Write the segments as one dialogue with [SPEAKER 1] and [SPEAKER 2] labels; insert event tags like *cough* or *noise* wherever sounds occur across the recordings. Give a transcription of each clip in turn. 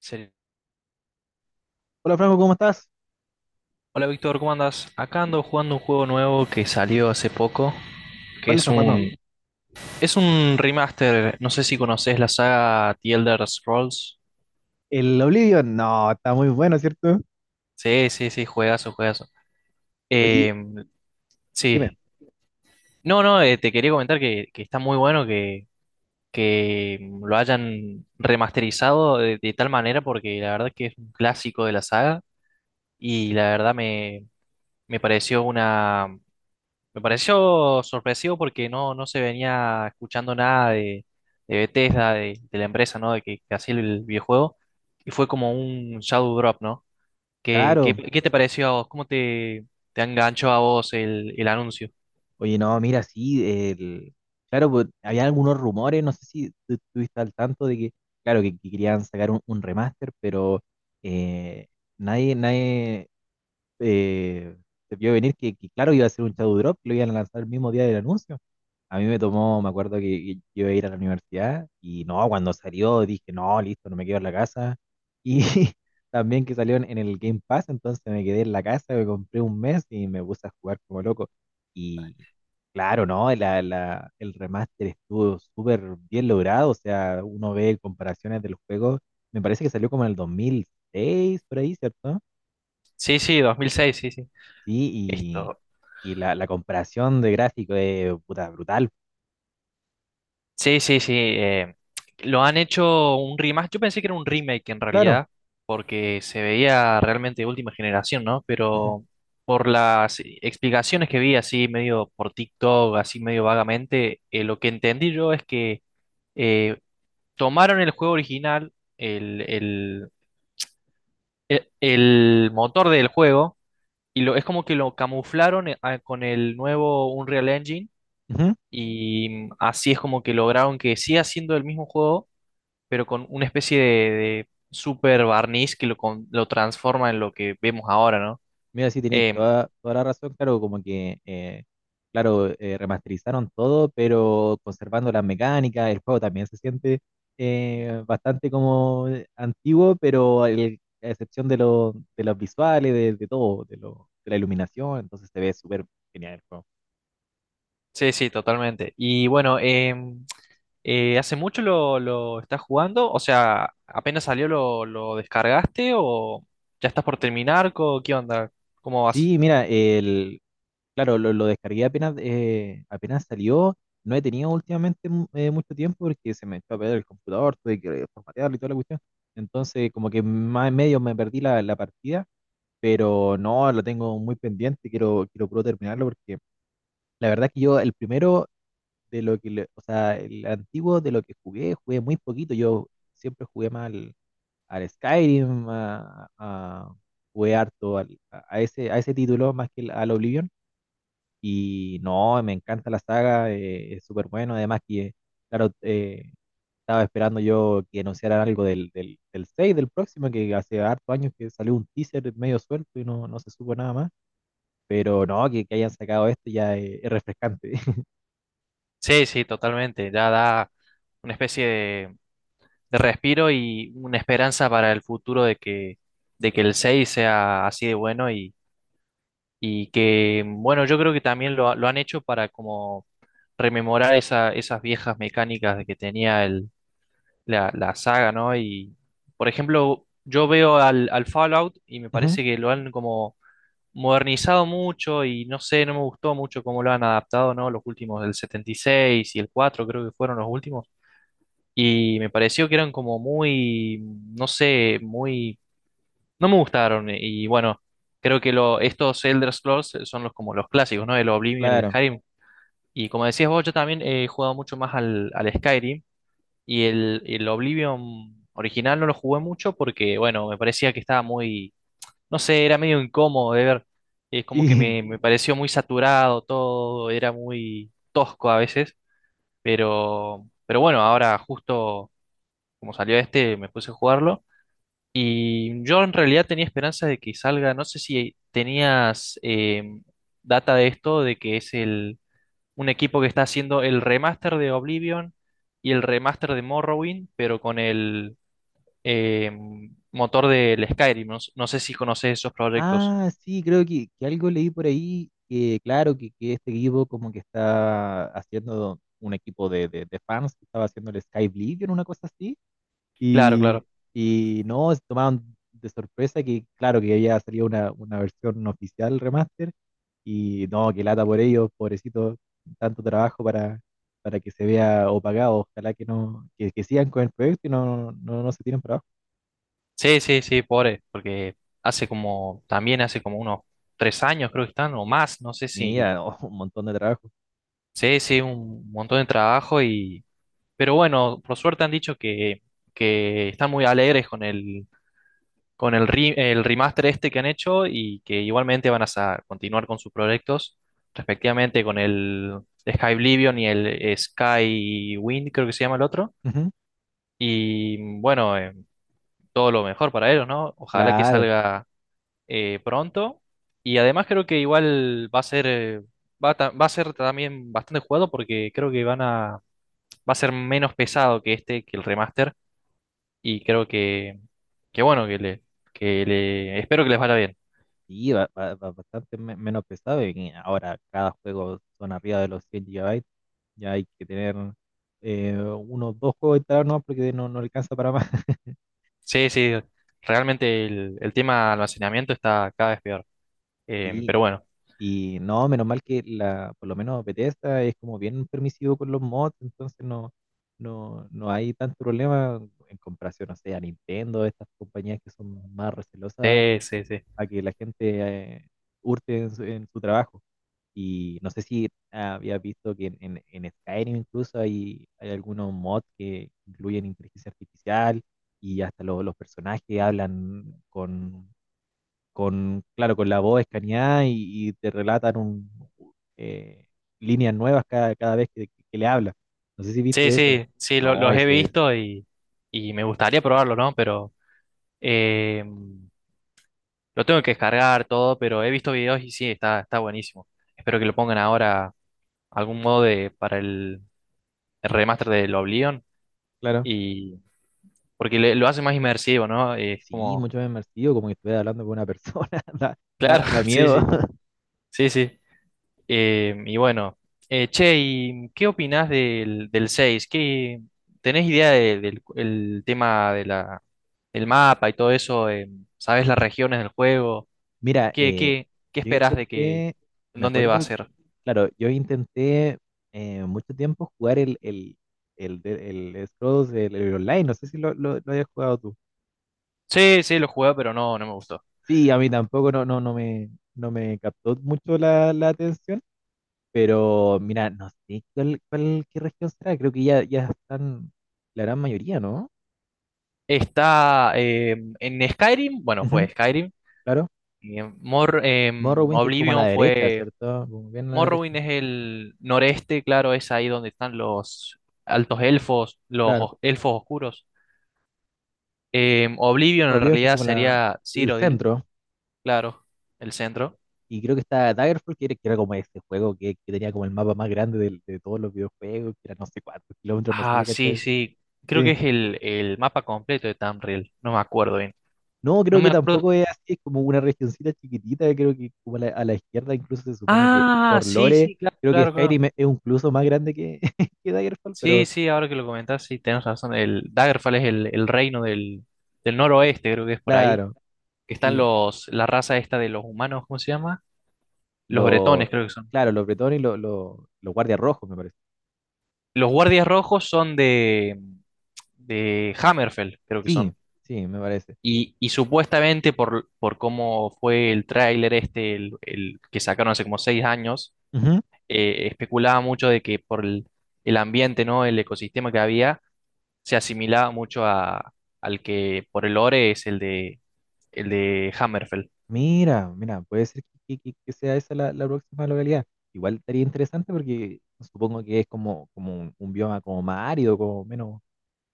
[SPEAKER 1] Sí.
[SPEAKER 2] Hola Franco, ¿cómo estás?
[SPEAKER 1] Hola Víctor, ¿cómo andas? Acá ando jugando un juego nuevo que salió hace poco, que
[SPEAKER 2] ¿Cuál estás jugando?
[SPEAKER 1] es un remaster, no sé si conoces la saga The Elder Scrolls.
[SPEAKER 2] El Oblivion. No, está muy bueno, ¿cierto?
[SPEAKER 1] Sí, sí, sí, juegazo, juegazo.
[SPEAKER 2] Oye,
[SPEAKER 1] Eh,
[SPEAKER 2] dime.
[SPEAKER 1] sí. No, no, te quería comentar que está muy bueno que lo hayan remasterizado de tal manera porque la verdad que es un clásico de la saga y la verdad me pareció una. Me pareció sorpresivo porque no se venía escuchando nada de Bethesda, de la empresa, ¿no? De que hacía el videojuego. Y fue como un shadow drop, ¿no? ¿Qué,
[SPEAKER 2] Claro.
[SPEAKER 1] qué te pareció a vos? ¿Cómo te enganchó a vos el anuncio?
[SPEAKER 2] Oye, no, mira, sí, el... claro, pues, había algunos rumores, no sé si tú estuviste al tanto de que, claro, que querían sacar un remaster, pero eh, nadie, eh, se vio venir que, claro, iba a ser un Shadow Drop, que lo iban a lanzar el mismo día del anuncio. A mí me tomó, me acuerdo que iba a ir a la universidad y no, cuando salió dije, no, listo, no me quedo en la casa. Y *laughs* también que salió en el Game Pass, entonces me quedé en la casa, me compré un mes y me puse a jugar como loco. Y claro, ¿no? El remaster estuvo súper bien logrado, o sea, uno ve comparaciones del juego, me parece que salió como en el 2006, por ahí, ¿cierto?
[SPEAKER 1] Sí, sí, 2006, sí, sí.
[SPEAKER 2] Sí,
[SPEAKER 1] Esto,
[SPEAKER 2] y la comparación de gráfico es puta, brutal.
[SPEAKER 1] sí, sí, sí. Lo han hecho un remake. Yo pensé que era un remake en
[SPEAKER 2] Claro.
[SPEAKER 1] realidad, porque se veía realmente de última generación, ¿no?
[SPEAKER 2] Ujú,
[SPEAKER 1] Pero por las explicaciones que vi así medio por TikTok, así medio vagamente, lo que entendí yo es que eh, tomaron el juego original, el motor del juego, y es como que lo camuflaron con el nuevo Unreal Engine.
[SPEAKER 2] ujú.
[SPEAKER 1] Y así es como que lograron que siga siendo el mismo juego, pero con una especie de super barniz que lo transforma en lo que vemos ahora, ¿no?
[SPEAKER 2] Mira, sí, tenéis
[SPEAKER 1] Em,
[SPEAKER 2] toda, toda la razón. Claro, como que, claro, remasterizaron todo, pero conservando las mecánicas. El juego también se siente bastante como antiguo, pero a excepción de, de los visuales, de todo, de, de la iluminación, entonces se ve súper genial el juego.
[SPEAKER 1] sí, sí, totalmente. Y bueno, ¿hace mucho lo estás jugando? O sea, ¿apenas salió lo descargaste o ya estás por terminar? ¿Qué onda? ¿Cómo vas?
[SPEAKER 2] Sí, mira, el claro, lo descargué apenas, apenas salió. No he tenido últimamente mucho tiempo porque se me echó a perder el computador, tuve que formatearlo y toda la cuestión. Entonces, como que más en medio me perdí la partida, pero no, lo tengo muy pendiente, quiero puro terminarlo porque la verdad es que yo el primero de lo que, o sea, el antiguo de lo que jugué, jugué muy poquito. Yo siempre jugué más al Skyrim, jugué harto a ese título más que al Oblivion y no, me encanta la saga, es súper bueno. Además que, claro, estaba esperando yo que anunciaran algo del 6 del próximo, que hace harto años que salió un teaser medio suelto y no, no se supo nada más. Pero no, que hayan sacado esto ya es refrescante. *laughs*
[SPEAKER 1] Sí, sí, totalmente. Ya da una especie de respiro y una esperanza para el futuro de de que el 6 sea así de bueno. Y que, bueno, yo creo que también lo han hecho para como rememorar esas viejas mecánicas de que tenía la saga, ¿no? Y, por ejemplo, yo veo al Fallout y me
[SPEAKER 2] Ujú.
[SPEAKER 1] parece que lo han como modernizado mucho y no sé, no me gustó mucho cómo lo han adaptado, ¿no? Los últimos del 76 y el 4 creo que fueron los últimos. Y me pareció que eran como muy, no sé, muy, no me gustaron, y bueno, creo que lo, estos Elder Scrolls son los como los clásicos, ¿no? El Oblivion, el
[SPEAKER 2] Claro,
[SPEAKER 1] Skyrim. Y como decías vos, yo también he jugado mucho más al Skyrim, y el Oblivion original no lo jugué mucho porque, bueno, me parecía que estaba muy, no sé, era medio incómodo de ver. Es como que
[SPEAKER 2] sí.
[SPEAKER 1] me pareció muy saturado todo, era muy tosco a veces, pero bueno, ahora justo como salió este, me puse a jugarlo. Y yo en realidad tenía esperanza de que salga, no sé si tenías data de esto, de que es el, un equipo que está haciendo el remaster de Oblivion y el remaster de Morrowind, pero con el eh, motor del Skyrim. No, no sé si conoces esos proyectos.
[SPEAKER 2] Ah, sí, creo que algo leí por ahí que, claro, que este equipo como que está haciendo un equipo de, de fans, que estaba haciendo el Sky en una cosa así.
[SPEAKER 1] Claro,
[SPEAKER 2] Y,
[SPEAKER 1] claro.
[SPEAKER 2] y no, se tomaron de sorpresa que, claro, que había salido una versión oficial remaster. Y no, que lata por ellos, pobrecito, tanto trabajo para que se vea opacado. Ojalá que no, que sigan con el proyecto y no, no, no se tiren para abajo.
[SPEAKER 1] Sí, sí, sí, pobre, porque hace como, también hace como unos 3 años creo que están, o más, no sé si.
[SPEAKER 2] Mira, oh, *laughs* un montón de trabajo.
[SPEAKER 1] Sí, sí, un montón de trabajo. Pero bueno, por suerte han dicho que están muy alegres con el remaster este que han hecho y que igualmente van a continuar con sus proyectos, respectivamente con el Sky Oblivion y el Sky Wind, creo que se llama el otro.
[SPEAKER 2] Ujú.
[SPEAKER 1] Y bueno, todo lo mejor para ellos, ¿no? Ojalá que
[SPEAKER 2] Claro,
[SPEAKER 1] salga pronto. Y además creo que igual va a ser, va a ser también bastante jugado porque creo que van a, va a ser menos pesado que este, que el remaster y creo que bueno, que le, espero que les vaya bien.
[SPEAKER 2] y va va ba- bastante me- menos pesado. Y ahora cada juego son arriba de los 100 gigabytes. Ya hay que tener unos dos juegos instalados, no, porque no, no alcanza para más. *laughs*
[SPEAKER 1] Sí, sí, realmente el tema almacenamiento está cada vez peor.
[SPEAKER 2] Sí.
[SPEAKER 1] Pero bueno,
[SPEAKER 2] Y no, menos mal que la, por lo menos Bethesda es como bien permisivo con los mods, entonces no, no, no hay tanto problema en comparación, no sé, a Nintendo, estas compañías que son más recelosas
[SPEAKER 1] sí,
[SPEAKER 2] que,
[SPEAKER 1] sí, sí.
[SPEAKER 2] a que la gente eh, hurte en su trabajo. Y no sé si habías visto que en Skyrim incluso hay, hay algunos mods que incluyen inteligencia artificial y hasta los personajes hablan con, claro, con la voz escaneada y te relatan eh, líneas nuevas cada, cada vez que le habla. No sé si
[SPEAKER 1] Sí,
[SPEAKER 2] viste eso.
[SPEAKER 1] sí, sí,
[SPEAKER 2] No,
[SPEAKER 1] los he
[SPEAKER 2] ese es,
[SPEAKER 1] visto y me gustaría probarlo, ¿no? Pero eh, lo tengo que descargar todo, pero he visto videos y sí, está, está buenísimo. Espero que lo pongan ahora algún modo de, para el remaster del Oblivion
[SPEAKER 2] claro.
[SPEAKER 1] y porque lo hace más inmersivo, ¿no? Es
[SPEAKER 2] Sí,
[SPEAKER 1] como,
[SPEAKER 2] mucho más inmersivo, como que estuviera hablando con una persona, *laughs* da, da
[SPEAKER 1] claro,
[SPEAKER 2] hasta
[SPEAKER 1] *laughs* sí,
[SPEAKER 2] miedo.
[SPEAKER 1] sí,
[SPEAKER 2] *laughs*
[SPEAKER 1] sí, sí. Eh, y bueno, Che, ¿y qué opinás del, del seis? ¿Qué, ¿tenés idea del el tema de la, del mapa y todo eso? ¿Sabés las regiones del juego?
[SPEAKER 2] Mira,
[SPEAKER 1] ¿Qué, qué, qué
[SPEAKER 2] yo
[SPEAKER 1] esperás de que,
[SPEAKER 2] intenté, me
[SPEAKER 1] dónde va a
[SPEAKER 2] acuerdo,
[SPEAKER 1] ser?
[SPEAKER 2] claro, yo intenté mucho tiempo jugar el, de- el Scrolls, el online, no sé si lo, lo hayas jugado tú.
[SPEAKER 1] Sí, sí, lo jugué, pero no, no me gustó.
[SPEAKER 2] Sí, a mí tampoco no, no, no me, no me captó mucho la atención, pero mira, no sé cuál, qué región será, creo que ya, ya están la gran mayoría, ¿no?
[SPEAKER 1] Está en Skyrim, bueno,
[SPEAKER 2] Ujú,
[SPEAKER 1] fue Skyrim.
[SPEAKER 2] claro.
[SPEAKER 1] Y en
[SPEAKER 2] Morrowind, que es como a la
[SPEAKER 1] Oblivion
[SPEAKER 2] derecha,
[SPEAKER 1] fue.
[SPEAKER 2] ¿cierto? Como bien a la derecha.
[SPEAKER 1] Morrowind es el noreste, claro, es ahí donde están los altos elfos, los
[SPEAKER 2] Claro.
[SPEAKER 1] elfos oscuros. Oblivion en
[SPEAKER 2] Oblivion, que es
[SPEAKER 1] realidad
[SPEAKER 2] como
[SPEAKER 1] sería
[SPEAKER 2] el
[SPEAKER 1] Cyrodiil,
[SPEAKER 2] centro.
[SPEAKER 1] claro, el centro.
[SPEAKER 2] Y creo que está Daggerfall, que era como ese juego que tenía como el mapa más grande de todos los videojuegos, que era no sé cuántos kilómetros, no sé
[SPEAKER 1] Ah,
[SPEAKER 2] si cachas
[SPEAKER 1] sí,
[SPEAKER 2] eso.
[SPEAKER 1] sí. Creo que
[SPEAKER 2] Sí.
[SPEAKER 1] es el mapa completo de Tamriel. No me acuerdo bien.
[SPEAKER 2] No,
[SPEAKER 1] No
[SPEAKER 2] creo
[SPEAKER 1] me
[SPEAKER 2] que
[SPEAKER 1] acuerdo.
[SPEAKER 2] tampoco es así, es como una regioncita chiquitita, creo que como a la izquierda incluso se supone que
[SPEAKER 1] Ah,
[SPEAKER 2] por
[SPEAKER 1] sí,
[SPEAKER 2] lore,
[SPEAKER 1] sí, claro,
[SPEAKER 2] creo que
[SPEAKER 1] claro, claro.
[SPEAKER 2] Skyrim es incluso más grande que, *laughs* que Daggerfall,
[SPEAKER 1] Sí,
[SPEAKER 2] pero
[SPEAKER 1] sí, ahora que lo comentas, sí, tenés razón. El Daggerfall es el reino del, del noroeste, creo que es por ahí.
[SPEAKER 2] claro,
[SPEAKER 1] Que están
[SPEAKER 2] sí,
[SPEAKER 1] los, la raza esta de los humanos, ¿cómo se llama? Los bretones,
[SPEAKER 2] lo,
[SPEAKER 1] creo que son.
[SPEAKER 2] claro, los bretones y los guardias rojos, me parece.
[SPEAKER 1] Los guardias rojos son de Hammerfell, creo que
[SPEAKER 2] Sí,
[SPEAKER 1] son.
[SPEAKER 2] sí, me parece.
[SPEAKER 1] Y supuestamente por cómo fue el tráiler este, el que sacaron hace como 6 años,
[SPEAKER 2] Ujú.
[SPEAKER 1] especulaba mucho de que por el ambiente, ¿no? El ecosistema que había, se asimilaba mucho a, al que por el lore es el de Hammerfell.
[SPEAKER 2] Mira, mira, puede ser que, que sea esa la próxima localidad. Igual estaría interesante porque supongo que es como, como un bioma como más árido, como menos,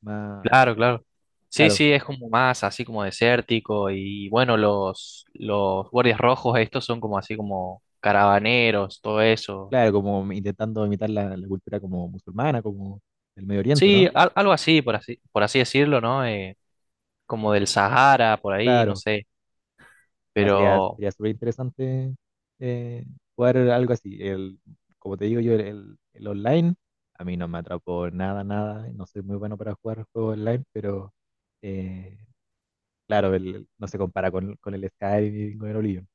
[SPEAKER 2] más,
[SPEAKER 1] Claro, claro. Sí,
[SPEAKER 2] claro.
[SPEAKER 1] sí, es como más así como desértico y bueno, los guardias rojos estos son como así como caravaneros, todo eso.
[SPEAKER 2] Claro, como intentando imitar la cultura como musulmana, como del Medio Oriente, ¿no?
[SPEAKER 1] Sí, algo así, por así, por así decirlo, ¿no? Como del Sahara, por ahí, no
[SPEAKER 2] Claro,
[SPEAKER 1] sé,
[SPEAKER 2] mira, sería,
[SPEAKER 1] pero
[SPEAKER 2] sería súper interesante eh, jugar algo así. El, como te digo yo, el online, a mí no me atrapó nada, nada. No soy muy bueno para jugar juegos online, pero eh, claro, no se compara con el Skyrim y con el Oblivion.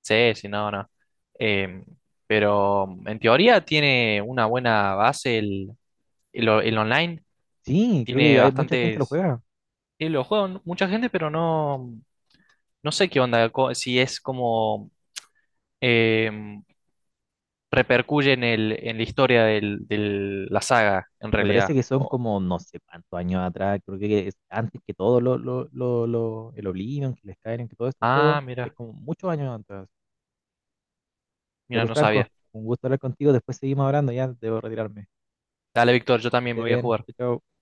[SPEAKER 1] sí, si no, no. Em, pero en teoría tiene una buena base el online,
[SPEAKER 2] Sí, creo
[SPEAKER 1] tiene
[SPEAKER 2] que hay mucha gente lo
[SPEAKER 1] bastantes,
[SPEAKER 2] juega.
[SPEAKER 1] lo juegan mucha gente, pero no, no sé qué onda, si es como em, repercuye en en la historia la saga, en
[SPEAKER 2] Me
[SPEAKER 1] realidad.
[SPEAKER 2] parece que son como no sé cuántos años atrás, creo que es antes que todo lo, el Oblivion, que el Skyrim, que todos estos juegos,
[SPEAKER 1] Ah,
[SPEAKER 2] es
[SPEAKER 1] mira,
[SPEAKER 2] como muchos años antes. Ya
[SPEAKER 1] mira,
[SPEAKER 2] pues
[SPEAKER 1] no
[SPEAKER 2] Franco,
[SPEAKER 1] sabía.
[SPEAKER 2] un gusto hablar contigo, después seguimos hablando, ya debo retirarme.
[SPEAKER 1] Dale, Víctor, yo
[SPEAKER 2] Que
[SPEAKER 1] también me
[SPEAKER 2] estés
[SPEAKER 1] voy a
[SPEAKER 2] bien,
[SPEAKER 1] jugar. Nos
[SPEAKER 2] chao. Chao.